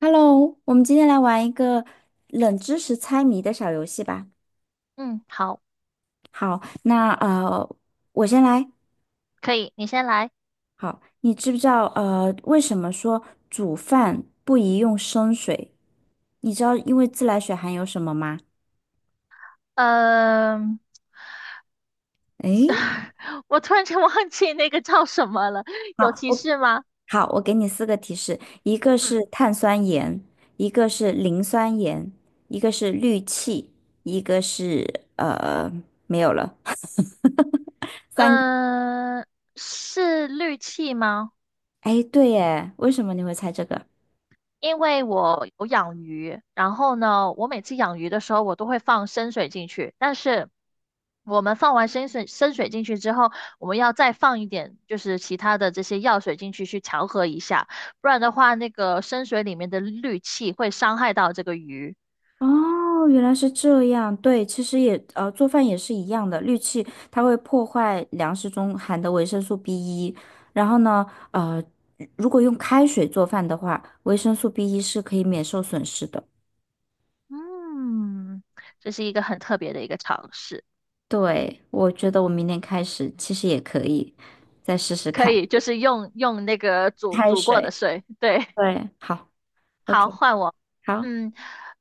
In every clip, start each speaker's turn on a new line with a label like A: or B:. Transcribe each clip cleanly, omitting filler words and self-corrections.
A: Hello，我们今天来玩一个冷知识猜谜的小游戏吧。
B: 嗯，好，
A: 好，那我先来。
B: 可以，你先来。
A: 好，你知不知道为什么说煮饭不宜用生水？你知道因为自来水含有什么吗？
B: 嗯、
A: 诶，
B: 我突然间忘记那个叫什么了，有
A: 好，
B: 提
A: 我
B: 示吗？
A: 好，我给你四个提示，一个
B: 嗯
A: 是碳酸盐，一个是磷酸盐，一个是氯气，一个是没有了，三个。
B: 嗯、是氯气吗？
A: 哎，对耶，为什么你会猜这个？
B: 因为我有养鱼，然后呢，我每次养鱼的时候，我都会放生水进去，但是我们放完生水进去之后，我们要再放一点，就是其他的这些药水进去调和一下，不然的话，那个生水里面的氯气会伤害到这个鱼。
A: 哦，原来是这样。对，其实也做饭也是一样的，氯气它会破坏粮食中含的维生素 b 一。然后呢，呃，如果用开水做饭的话，维生素 b 一是可以免受损失的。
B: 嗯，这是一个很特别的一个尝试，
A: 对，我觉得我明天开始其实也可以再试试
B: 可
A: 看
B: 以就是用那个煮
A: 开
B: 煮过的
A: 水。
B: 水，对，
A: 对，好
B: 好，
A: ，OK,
B: 换我。
A: 好
B: 嗯，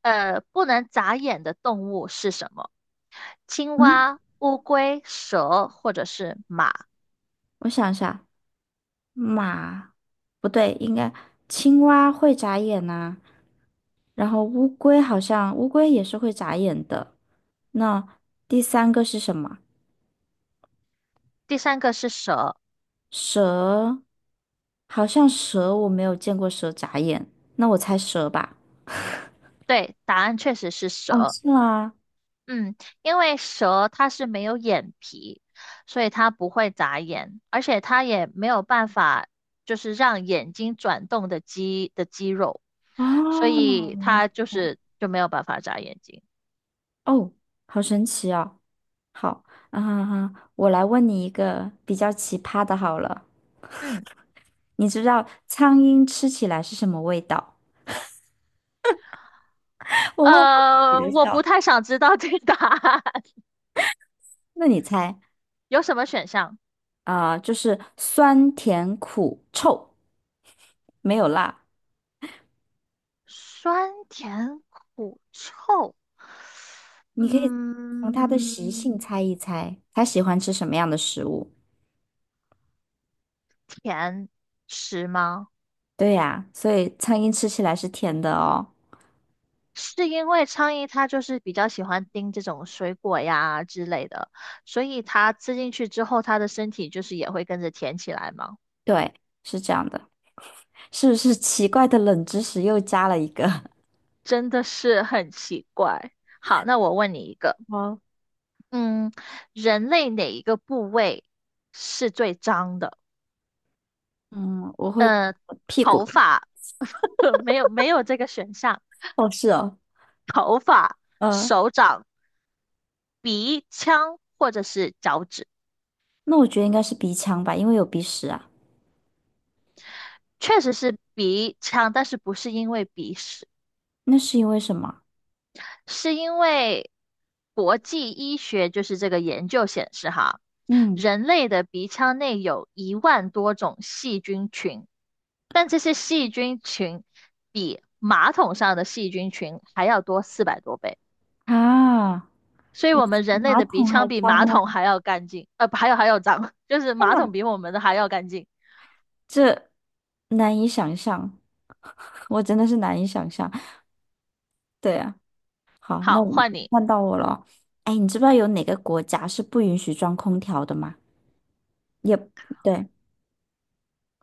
B: 不能眨眼的动物是什么？青
A: 啊，
B: 蛙、乌龟、蛇或者是马？
A: 我想一下，马，不对，应该青蛙会眨眼呐、然后乌龟好像也是会眨眼的。那第三个是什么？
B: 第三个是蛇。
A: 蛇，好像我没有见过蛇眨眼，那我猜蛇吧。
B: 对，答案确实是
A: 哦，
B: 蛇。
A: 是吗？
B: 嗯，因为蛇它是没有眼皮，所以它不会眨眼，而且它也没有办法就是让眼睛转动的肌肉，所
A: 哦，
B: 以
A: 原来是
B: 它就
A: 这样。
B: 是就没有办法眨眼睛。
A: 哦，好神奇哦。好，啊哈哈，我来问你一个比较奇葩的，好了，
B: 嗯，
A: 你知道苍蝇吃起来是什么味道？我问我自己的
B: 我不
A: 笑。
B: 太想知道这个答案，
A: 那你猜
B: 有什么选项？
A: 啊，就是酸甜苦臭，没有辣。
B: 酸甜苦臭，
A: 你可以从它的习
B: 嗯，
A: 性猜一猜，它喜欢吃什么样的食物。
B: 甜食吗？
A: 对呀，所以苍蝇吃起来是甜的哦。
B: 是因为苍蝇它就是比较喜欢叮这种水果呀之类的，所以它吃进去之后，它的身体就是也会跟着甜起来嘛，
A: 对，是这样的，是不是奇怪的冷知识又加了一个？
B: 真的是很奇怪。好，那我问你一个。
A: 哦，
B: 嗯，人类哪一个部位是最脏的？
A: 嗯，我会
B: 呃，
A: 屁股。
B: 头发，没有这个选项，
A: 是哦，嗯，
B: 手掌、鼻腔或者是脚趾，
A: 那我觉得应该是鼻腔吧，因为有鼻屎啊。
B: 确实是鼻腔，但是不是因为鼻屎。
A: 那是因为什么？
B: 是因为国际医学就是这个研究显示哈，
A: 嗯，
B: 人类的鼻腔内有10,000多种细菌群，但这些细菌群比马桶上的细菌群还要多400多倍，
A: 啊，
B: 所以我们人类
A: 马
B: 的鼻
A: 桶还
B: 腔比
A: 脏
B: 马
A: 吗？
B: 桶还要干净，呃，不还有脏，就是
A: 天
B: 马
A: 哪，
B: 桶比我们的还要干净。
A: 这难以想象，我真的是难以想象。对啊。好，那
B: 好，
A: 我
B: 换你，
A: 换到我了。哎，你知不知道有哪个国家是不允许装空调的吗？也对，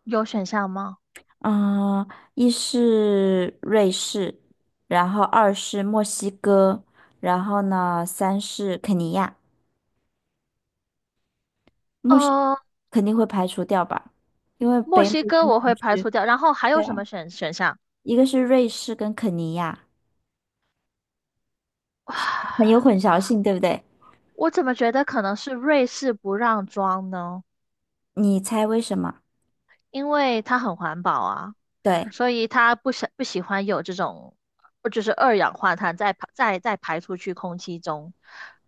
B: 有选项吗？
A: 嗯、一是瑞士，然后二是墨西哥，然后呢，三是肯尼亚。墨西
B: 呃，
A: 肯定会排除掉吧，因为
B: 墨
A: 北美
B: 西哥
A: 经
B: 我
A: 常
B: 会排除
A: 去。
B: 掉，然后还有
A: 对
B: 什
A: 啊，
B: 么选项？
A: 一个是瑞士跟肯尼亚，很有 混淆性，对不对？
B: 我怎么觉得可能是瑞士不让装呢？
A: 你猜为什么？
B: 因为它很环保啊，
A: 对，
B: 所以它不喜欢有这种，就是二氧化碳再排出去空气中，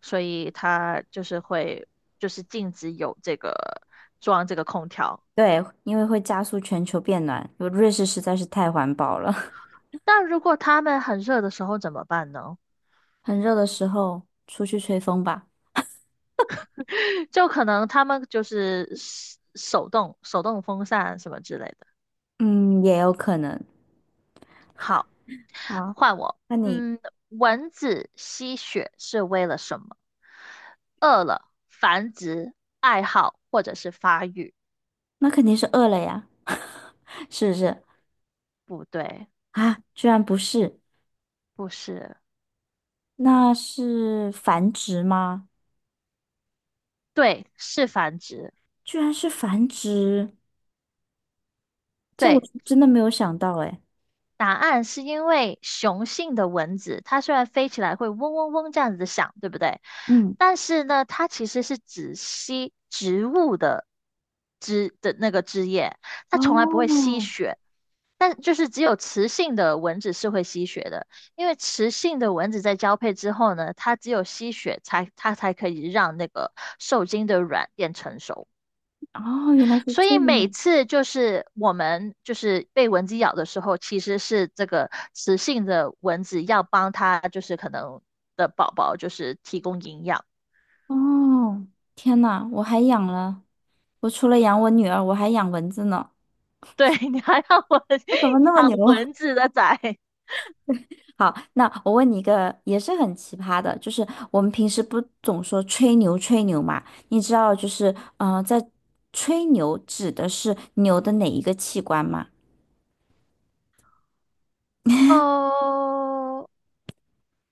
B: 所以它就是会就是禁止有这个装这个空调。
A: 对，因为会加速全球变暖，瑞士实在是太环保了。
B: 但如果他们很热的时候怎么办呢？
A: 很热的时候出去吹风吧。
B: 就可能他们就是手动风扇什么之类的。
A: 嗯，也有可能。
B: 好，
A: 好，
B: 换我。
A: 那你
B: 嗯，蚊子吸血是为了什么？饿了、繁殖、爱好或者是发育？
A: 那肯定是饿了呀，是不是？
B: 不对，
A: 啊，居然不是，
B: 不是，
A: 那是繁殖吗？
B: 对，是繁殖。
A: 居然是繁殖，这我
B: 对，
A: 是真的没有想到哎。
B: 答案是因为雄性的蚊子，它虽然飞起来会嗡嗡嗡这样子的响，对不对？
A: 嗯，
B: 但是呢，它其实是只吸植物的那个枝叶，它从来不会吸
A: 哦，
B: 血。但就是只有雌性的蚊子是会吸血的，因为雌性的蚊子在交配之后呢，它只有吸血才它才可以让那个受精的卵变成熟。
A: 哦，原来是
B: 所
A: 这
B: 以每
A: 样。
B: 次就是我们就是被蚊子咬的时候，其实是这个雌性的蚊子要帮它，就是可能的宝宝就是提供营养。
A: 哦，天呐，我还养了，我除了养我女儿，我还养蚊子呢。
B: 对，你还要我
A: 我怎么那 么
B: 养
A: 牛？
B: 蚊子的崽？
A: 好，那我问你一个也是很奇葩的，就是我们平时不总说吹牛吹牛嘛？你知道就是，在吹牛指的是牛的哪一个器官吗？
B: 哦，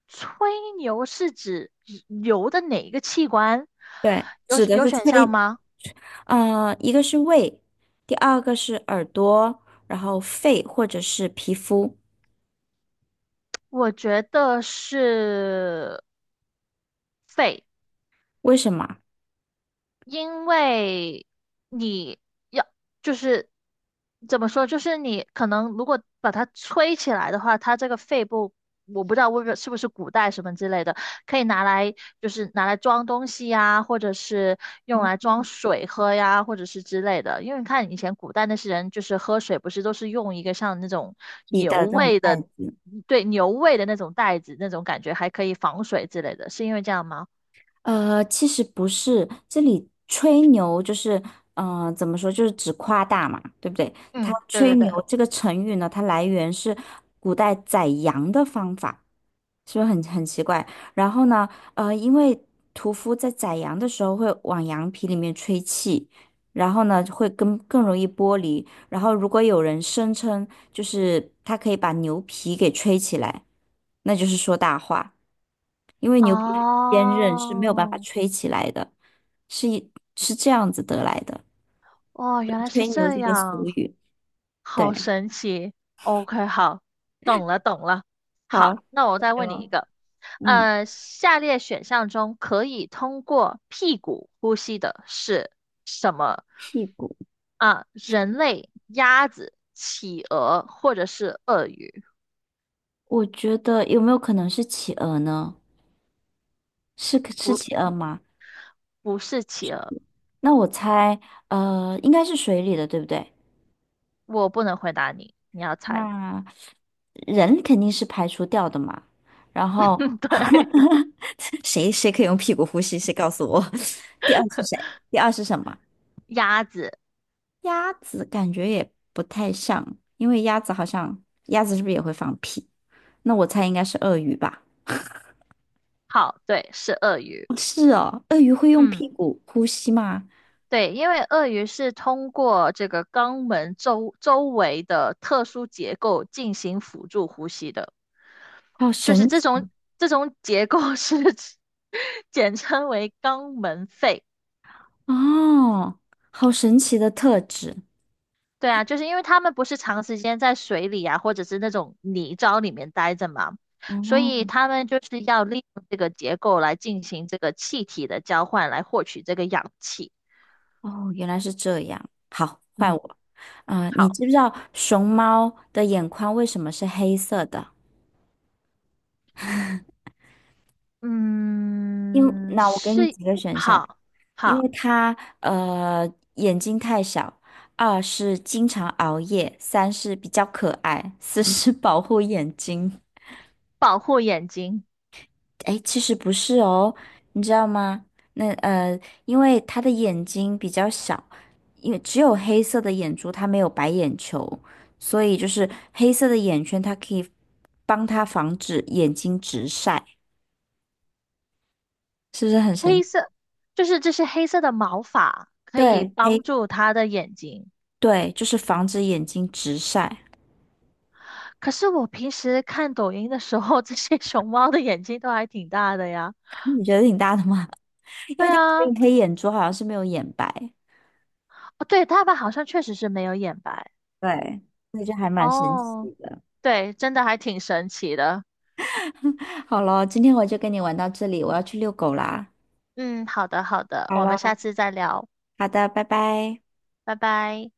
B: 吹牛是指牛的哪一个器官？有
A: 指的
B: 有
A: 是
B: 选
A: 吹，
B: 项吗？
A: 嗯，一个是胃，第二个是耳朵，然后肺或者是皮肤。
B: 我觉得是肺。
A: 为什么？
B: 因为你要就是怎么说，就是你可能如果把它吹起来的话，它这个肺部我不知道为什是不是古代什么之类的，可以拿来就是拿来装东西呀，或者是用来装水喝呀，或者是之类的。因为你看以前古代那些人就是喝水不是都是用一个像那种
A: 你
B: 牛
A: 的这种
B: 胃
A: 代
B: 的，
A: 子？
B: 对，牛胃的那种袋子，那种感觉还可以防水之类的，是因为这样吗？
A: 呃，其实不是，这里吹牛就是，嗯，怎么说，就是指夸大嘛，对不对？它
B: 嗯，对
A: 吹
B: 对对。
A: 牛这个成语呢，它来源是古代宰羊的方法，是不是很奇怪？然后呢，因为屠夫在宰羊的时候会往羊皮里面吹气，然后呢会更容易剥离。然后如果有人声称就是他可以把牛皮给吹起来，那就是说大话。因为牛皮很坚韧是没有办法
B: 哦，
A: 吹起来的，是一是这样子得来的，
B: 哦，原来是
A: 吹牛
B: 这
A: 这个俗
B: 样，
A: 语。
B: 好
A: 对，
B: 神奇。OK，好，懂了，懂了。
A: 好，
B: 好，那我再问你一
A: 就
B: 个。
A: 嗯，
B: 下列选项中可以通过屁股呼吸的是什么？
A: 屁股，
B: 啊，人类、鸭子、企鹅或者是鳄鱼？
A: 我觉得有没有可能是企鹅呢？是
B: 不，
A: 企鹅吗？
B: 不是企鹅，
A: 那我猜，呃，应该是水里的，对不对？
B: 我不能回答你，你要猜。
A: 那人肯定是排除掉的嘛。然后
B: 对，
A: 谁可以用屁股呼吸？谁告诉我？第二是谁？第二是什么？
B: 鸭子，
A: 鸭子感觉也不太像，因为鸭子鸭子是不是也会放屁？那我猜应该是鳄鱼吧？
B: 好，对，是鳄鱼。
A: 哦是哦，鳄鱼会用
B: 嗯。
A: 屁股呼吸吗？
B: 对，因为鳄鱼是通过这个肛门周围的特殊结构进行辅助呼吸的，
A: 好
B: 就是
A: 神
B: 这
A: 奇
B: 种这种结构是 简称为肛门肺。
A: 哦，好神奇的特质。
B: 对啊，就是因为它们不是长时间在水里啊，或者是那种泥沼里面待着嘛，所以
A: 哦，
B: 它们就是要利用这个结构来进行这个气体的交换，来获取这个氧气。
A: 哦，原来是这样。好，换
B: 嗯，
A: 我。啊、你
B: 好，
A: 知不知道熊猫的眼眶为什么是黑色的？因
B: 嗯，
A: 那我给你
B: 是，
A: 几个选项：
B: 好。
A: 因
B: 好，
A: 为他眼睛太小，二是经常熬夜，三是比较可爱，四是保护眼睛。
B: 保护眼睛。
A: 哎，其实不是哦，你知道吗？那呃，因为他的眼睛比较小，因为只有黑色的眼珠，它没有白眼球，所以就是黑色的眼圈，它可以帮他防止眼睛直晒，是不是很神
B: 黑
A: 奇
B: 色就是这些黑色的毛发可以
A: 对，
B: 帮
A: 黑，
B: 助它的眼睛。
A: 对，就是防止眼睛直晒。
B: 可是我平时看抖音的时候，这些熊猫的眼睛都还挺大的呀。
A: 你觉得挺大的吗？因
B: 对
A: 为他只
B: 啊，
A: 有
B: 哦，
A: 黑眼珠，好像是没有眼白，
B: 对，它们好像确实是没有眼白。
A: 对，所以就还蛮神奇
B: 哦，
A: 的。
B: 对，真的还挺神奇的。
A: 好了，今天我就跟你玩到这里，我要去遛狗啦。
B: 嗯，好的，好的，
A: 好
B: 我们下
A: 了，
B: 次再聊，
A: 好的，拜拜。
B: 拜拜。